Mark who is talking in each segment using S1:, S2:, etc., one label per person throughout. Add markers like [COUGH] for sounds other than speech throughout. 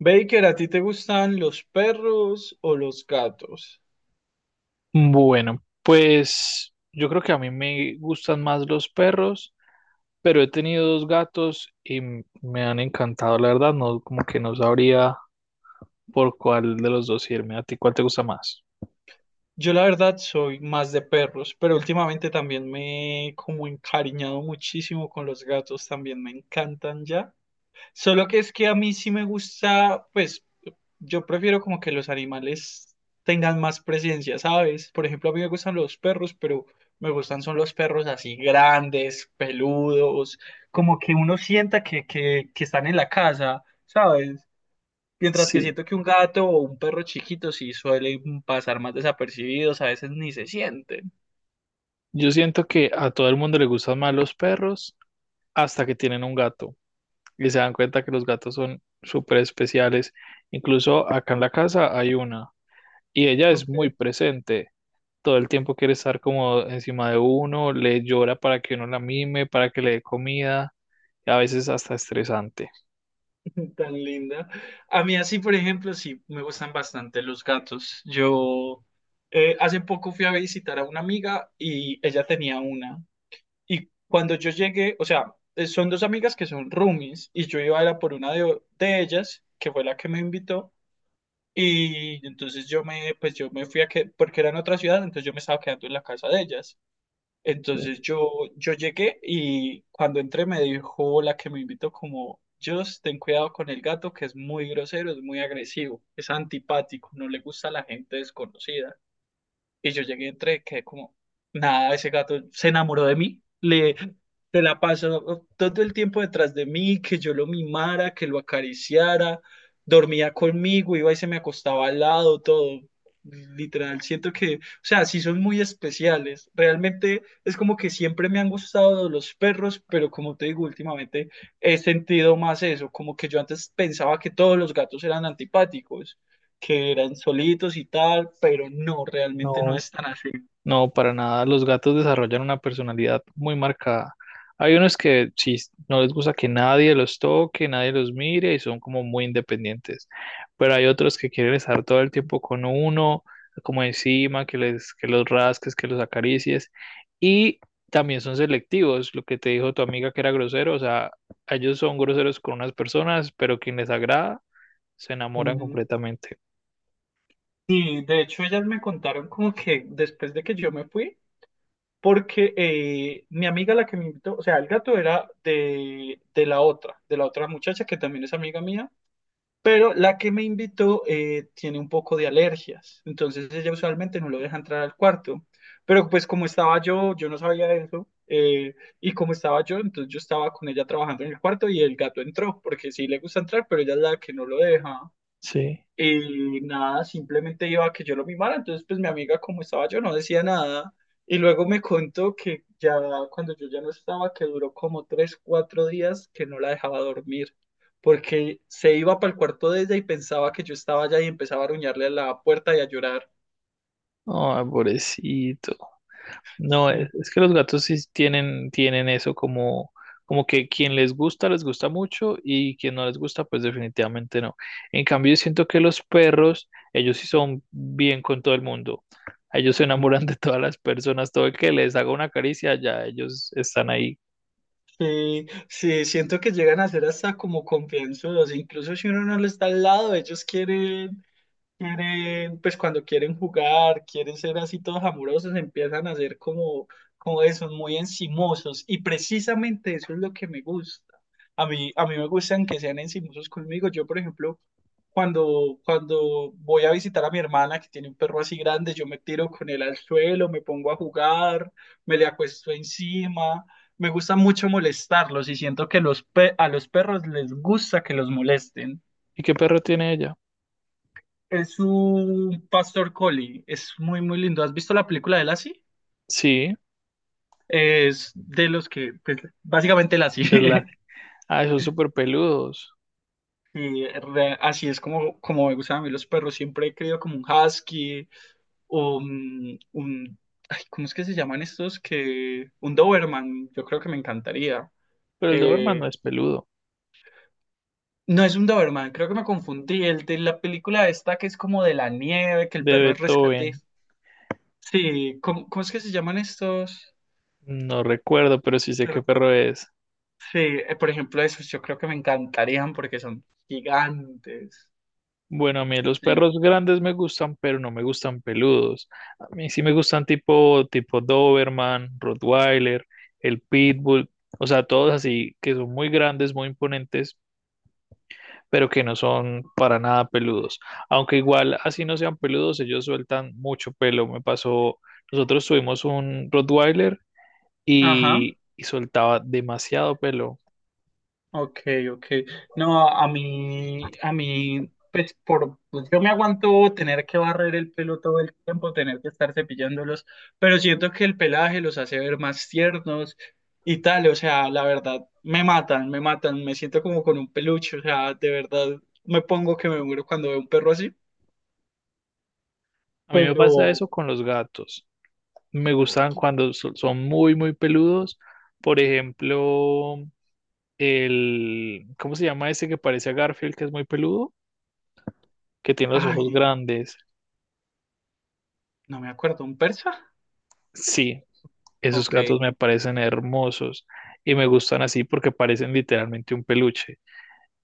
S1: Baker, ¿a ti te gustan los perros o los gatos?
S2: Bueno, pues yo creo que a mí me gustan más los perros, pero he tenido dos gatos y me han encantado, la verdad, no como que no sabría por cuál de los dos irme. ¿A ti cuál te gusta más?
S1: Yo la verdad soy más de perros, pero últimamente también me he como encariñado muchísimo con los gatos, también me encantan ya. Solo que es que a mí sí me gusta, pues yo prefiero como que los animales tengan más presencia, ¿sabes? Por ejemplo, a mí me gustan los perros, pero me gustan son los perros así grandes, peludos, como que uno sienta que están en la casa, ¿sabes? Mientras que
S2: Sí,
S1: siento que un gato o un perro chiquito sí suelen pasar más desapercibidos, a veces ni se sienten.
S2: yo siento que a todo el mundo le gustan más los perros hasta que tienen un gato y se dan cuenta que los gatos son súper especiales. Incluso acá en la casa hay una y ella es
S1: Ok,
S2: muy presente. Todo el tiempo quiere estar como encima de uno, le llora para que uno la mime, para que le dé comida, y a veces hasta estresante.
S1: [LAUGHS] tan linda. A mí así, por ejemplo, sí me gustan bastante los gatos. Yo hace poco fui a visitar a una amiga y ella tenía una. Y cuando yo llegué, o sea, son dos amigas que son roomies y yo iba a ir a por una de ellas, que fue la que me invitó. Y entonces pues yo me fui a que, porque era en otra ciudad, entonces yo me estaba quedando en la casa de ellas. Entonces
S2: Sí.
S1: yo llegué y cuando entré me dijo la que me invitó como, Just, ten cuidado con el gato que es muy grosero, es muy agresivo, es antipático, no le gusta a la gente desconocida. Y yo llegué, entré, quedé como, nada, ese gato se enamoró de mí, le, se la pasó todo el tiempo detrás de mí, que yo lo mimara, que lo acariciara, dormía conmigo, iba y se me acostaba al lado, todo. Literal, siento que, o sea, sí son muy especiales. Realmente es como que siempre me han gustado los perros, pero como te digo, últimamente he sentido más eso, como que yo antes pensaba que todos los gatos eran antipáticos que eran solitos y tal, pero no, realmente no
S2: No.
S1: es tan así.
S2: No, para nada. Los gatos desarrollan una personalidad muy marcada. Hay unos que sí, no les gusta que nadie los toque, nadie los mire y son como muy independientes. Pero hay otros que quieren estar todo el tiempo con uno, como encima, que que los rasques, que los acaricies. Y también son selectivos, lo que te dijo tu amiga que era grosero. O sea, ellos son groseros con unas personas, pero quien les agrada se enamoran
S1: Ujú.
S2: completamente.
S1: Y de hecho ellas me contaron como que después de que yo me fui, porque mi amiga la que me invitó, o sea, el gato era de la otra muchacha que también es amiga mía. Pero la que me invitó tiene un poco de alergias, entonces ella usualmente no lo deja entrar al cuarto. Pero pues como estaba yo, yo no sabía eso, y como estaba yo, entonces yo estaba con ella trabajando en el cuarto y el gato entró, porque sí le gusta entrar, pero ella es la que no lo deja.
S2: Sí.
S1: Y nada, simplemente iba a que yo lo mimara. Entonces, pues mi amiga, como estaba yo, no decía nada. Y luego me contó que ya cuando yo ya no estaba, que duró como tres, cuatro días que no la dejaba dormir. Porque se iba para el cuarto de ella y pensaba que yo estaba allá y empezaba a ruñarle a la puerta y a llorar.
S2: Ay, pobrecito. No,
S1: Sí.
S2: es que los gatos sí tienen eso como, como que quien les gusta mucho y quien no les gusta, pues definitivamente no. En cambio, yo siento que los perros, ellos sí son bien con todo el mundo. Ellos se enamoran de todas las personas, todo el que les haga una caricia, ya ellos están ahí.
S1: Sí, sí, siento que llegan a ser hasta como confianzudos, incluso si uno no le está al lado, ellos quieren, pues cuando quieren jugar, quieren ser así todos amorosos, empiezan a ser como, como esos, muy encimosos. Y precisamente eso es lo que me gusta. A mí me gustan que sean encimosos conmigo. Yo, por ejemplo, cuando voy a visitar a mi hermana que tiene un perro así grande, yo me tiro con él al suelo, me pongo a jugar, me le acuesto encima. Me gusta mucho molestarlos y siento que a los perros les gusta que los molesten.
S2: ¿Y qué perro tiene ella?
S1: Es un pastor collie, es muy, muy lindo. ¿Has visto la película de Lassie?
S2: Sí,
S1: Es de los que, pues, básicamente
S2: es la...
S1: Lassie. [LAUGHS]
S2: Ah, son súper peludos,
S1: Así es como, como me gustan a mí los perros. Siempre he querido como un husky o un- ay, ¿cómo es que se llaman estos? Que, un Doberman, yo creo que me encantaría.
S2: pero el Doberman no
S1: Eh,
S2: es peludo.
S1: no es un Doberman, creo que me confundí. El de la película esta que es como de la nieve, que el
S2: De
S1: perro es rescate.
S2: Beethoven,
S1: Sí, ¿cómo es que se llaman estos?
S2: no recuerdo, pero sí sé qué perro es.
S1: Sí, por ejemplo, esos yo creo que me encantarían porque son gigantes.
S2: Bueno, a mí los
S1: Sí.
S2: perros grandes me gustan, pero no me gustan peludos. A mí sí me gustan tipo, tipo Doberman, Rottweiler, el Pitbull, o sea, todos así que son muy grandes, muy imponentes, pero que no son para nada peludos. Aunque igual así no sean peludos, ellos sueltan mucho pelo. Me pasó, nosotros tuvimos un Rottweiler
S1: Ajá.
S2: y soltaba demasiado pelo.
S1: Ok, ok. No, a mí, pues pues, yo me aguanto tener que barrer el pelo todo el tiempo, tener que estar cepillándolos, pero siento que el pelaje los hace ver más tiernos y tal, o sea, la verdad, me matan, me matan, me siento como con un peluche, o sea, de verdad, me pongo que me muero cuando veo un perro así,
S2: A mí me pasa
S1: pero,
S2: eso con los gatos. Me gustan cuando son muy, muy peludos. Por ejemplo, ¿cómo se llama ese que parece a Garfield, que es muy peludo? Que tiene los ojos
S1: ay,
S2: grandes.
S1: no me acuerdo, ¿un persa?
S2: Sí, esos
S1: Ok,
S2: gatos me parecen hermosos y me gustan así porque parecen literalmente un peluche.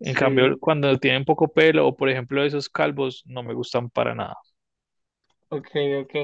S2: En
S1: sí,
S2: cambio, cuando tienen poco pelo o por ejemplo esos calvos, no me gustan para nada.
S1: ok, ok.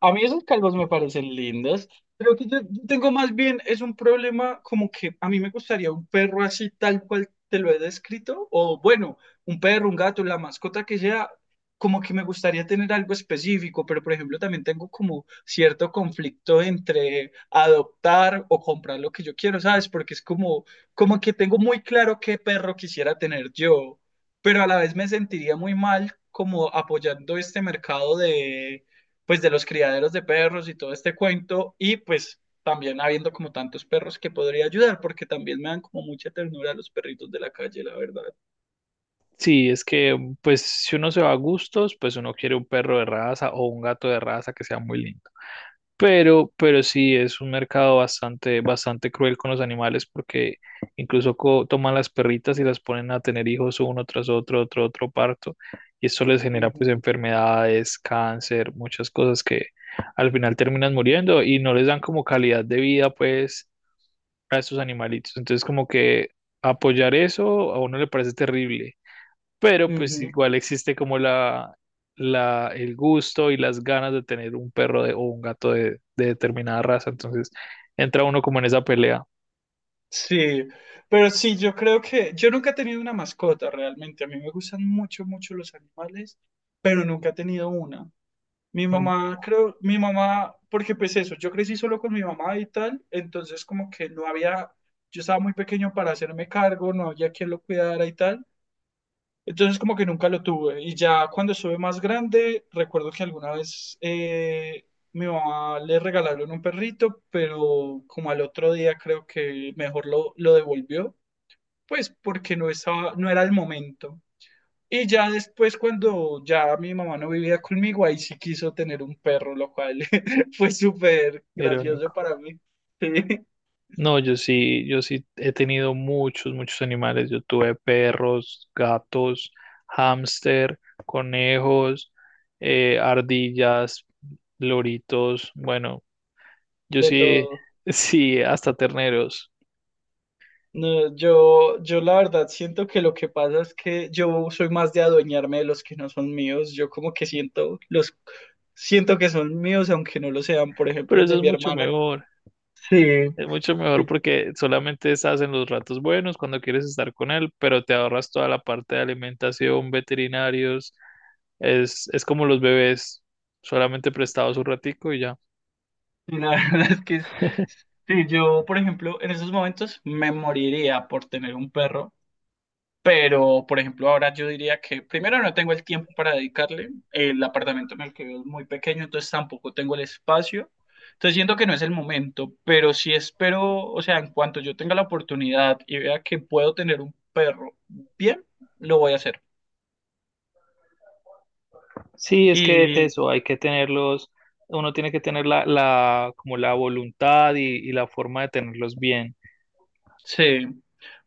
S1: A mí esos calvos me parecen lindos. Creo que yo tengo más bien, es un problema como que a mí me gustaría un perro así tal cual te lo he descrito, o bueno, un perro, un gato, la mascota que sea, como que me gustaría tener algo específico, pero por ejemplo también tengo como cierto conflicto entre adoptar o comprar lo que yo quiero, ¿sabes? Porque es como, como que tengo muy claro qué perro quisiera tener yo. Pero a la vez me sentiría muy mal como apoyando este mercado de, pues, de los criaderos de perros y todo este cuento, y pues también habiendo como tantos perros que podría ayudar, porque también me dan como mucha ternura los perritos de la calle, la verdad.
S2: Sí, es que pues si uno se va a gustos, pues uno quiere un perro de raza o un gato de raza que sea muy lindo. Pero sí es un mercado bastante, bastante cruel con los animales porque incluso toman las perritas y las ponen a tener hijos uno tras otro parto. Y esto les genera
S1: Ujú,
S2: pues enfermedades, cáncer, muchas cosas que al final terminan muriendo y no les dan como calidad de vida pues a estos animalitos. Entonces como que apoyar eso a uno le parece terrible, pero pues
S1: ujú.
S2: igual existe como el gusto y las ganas de tener un perro o un gato de determinada raza, entonces entra uno como en esa pelea.
S1: Sí, pero sí, yo creo que yo nunca he tenido una mascota realmente. A mí me gustan mucho, mucho los animales, pero nunca he tenido una. Mi
S2: Mm.
S1: mamá, creo, mi mamá, porque pues eso, yo crecí solo con mi mamá y tal, entonces como que no había, yo estaba muy pequeño para hacerme cargo, no había quien lo cuidara y tal, entonces como que nunca lo tuve. Y ya cuando estuve más grande, recuerdo que alguna vez mi mamá le regalaron un perrito, pero como al otro día creo que mejor lo devolvió, pues porque no estaba, no era el momento. Y ya después, cuando ya mi mamá no vivía conmigo, ahí sí quiso tener un perro, lo cual [LAUGHS] fue súper gracioso
S2: Irónico.
S1: para mí. [LAUGHS] Sí,
S2: No, yo sí he tenido muchos, muchos animales. Yo tuve perros, gatos, hámster, conejos, ardillas, loritos. Bueno, yo
S1: de
S2: sí,
S1: todo.
S2: [LAUGHS] sí, hasta terneros.
S1: No, yo la verdad siento que lo que pasa es que yo soy más de adueñarme de los que no son míos. Yo como que siento los siento que son míos aunque no lo sean. Por ejemplo,
S2: Pero
S1: el
S2: eso
S1: de
S2: es
S1: mi
S2: mucho
S1: hermana.
S2: mejor.
S1: Sí,
S2: Es mucho mejor
S1: sí,
S2: porque solamente estás en los ratos buenos cuando quieres estar con él, pero te ahorras toda la parte de alimentación, veterinarios. Es como los bebés, solamente prestados un ratico y ya.
S1: sí, la [LAUGHS] verdad es que sí, yo, por ejemplo, en esos momentos me moriría por tener un perro. Pero, por ejemplo, ahora yo diría que primero no tengo el tiempo para dedicarle. El apartamento en el que vivo es muy pequeño, entonces tampoco tengo el espacio. Entonces siento que no es el momento, pero sí espero, o sea, en cuanto yo tenga la oportunidad y vea que puedo tener un perro bien, lo voy a hacer.
S2: Sí, es que es
S1: Y
S2: eso, hay que tenerlos, uno tiene que tener como la voluntad y la forma de tenerlos bien.
S1: sí,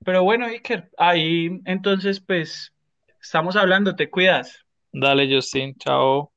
S1: pero bueno, Iker, ahí entonces pues estamos hablando, te cuidas.
S2: Dale, Justin, chao.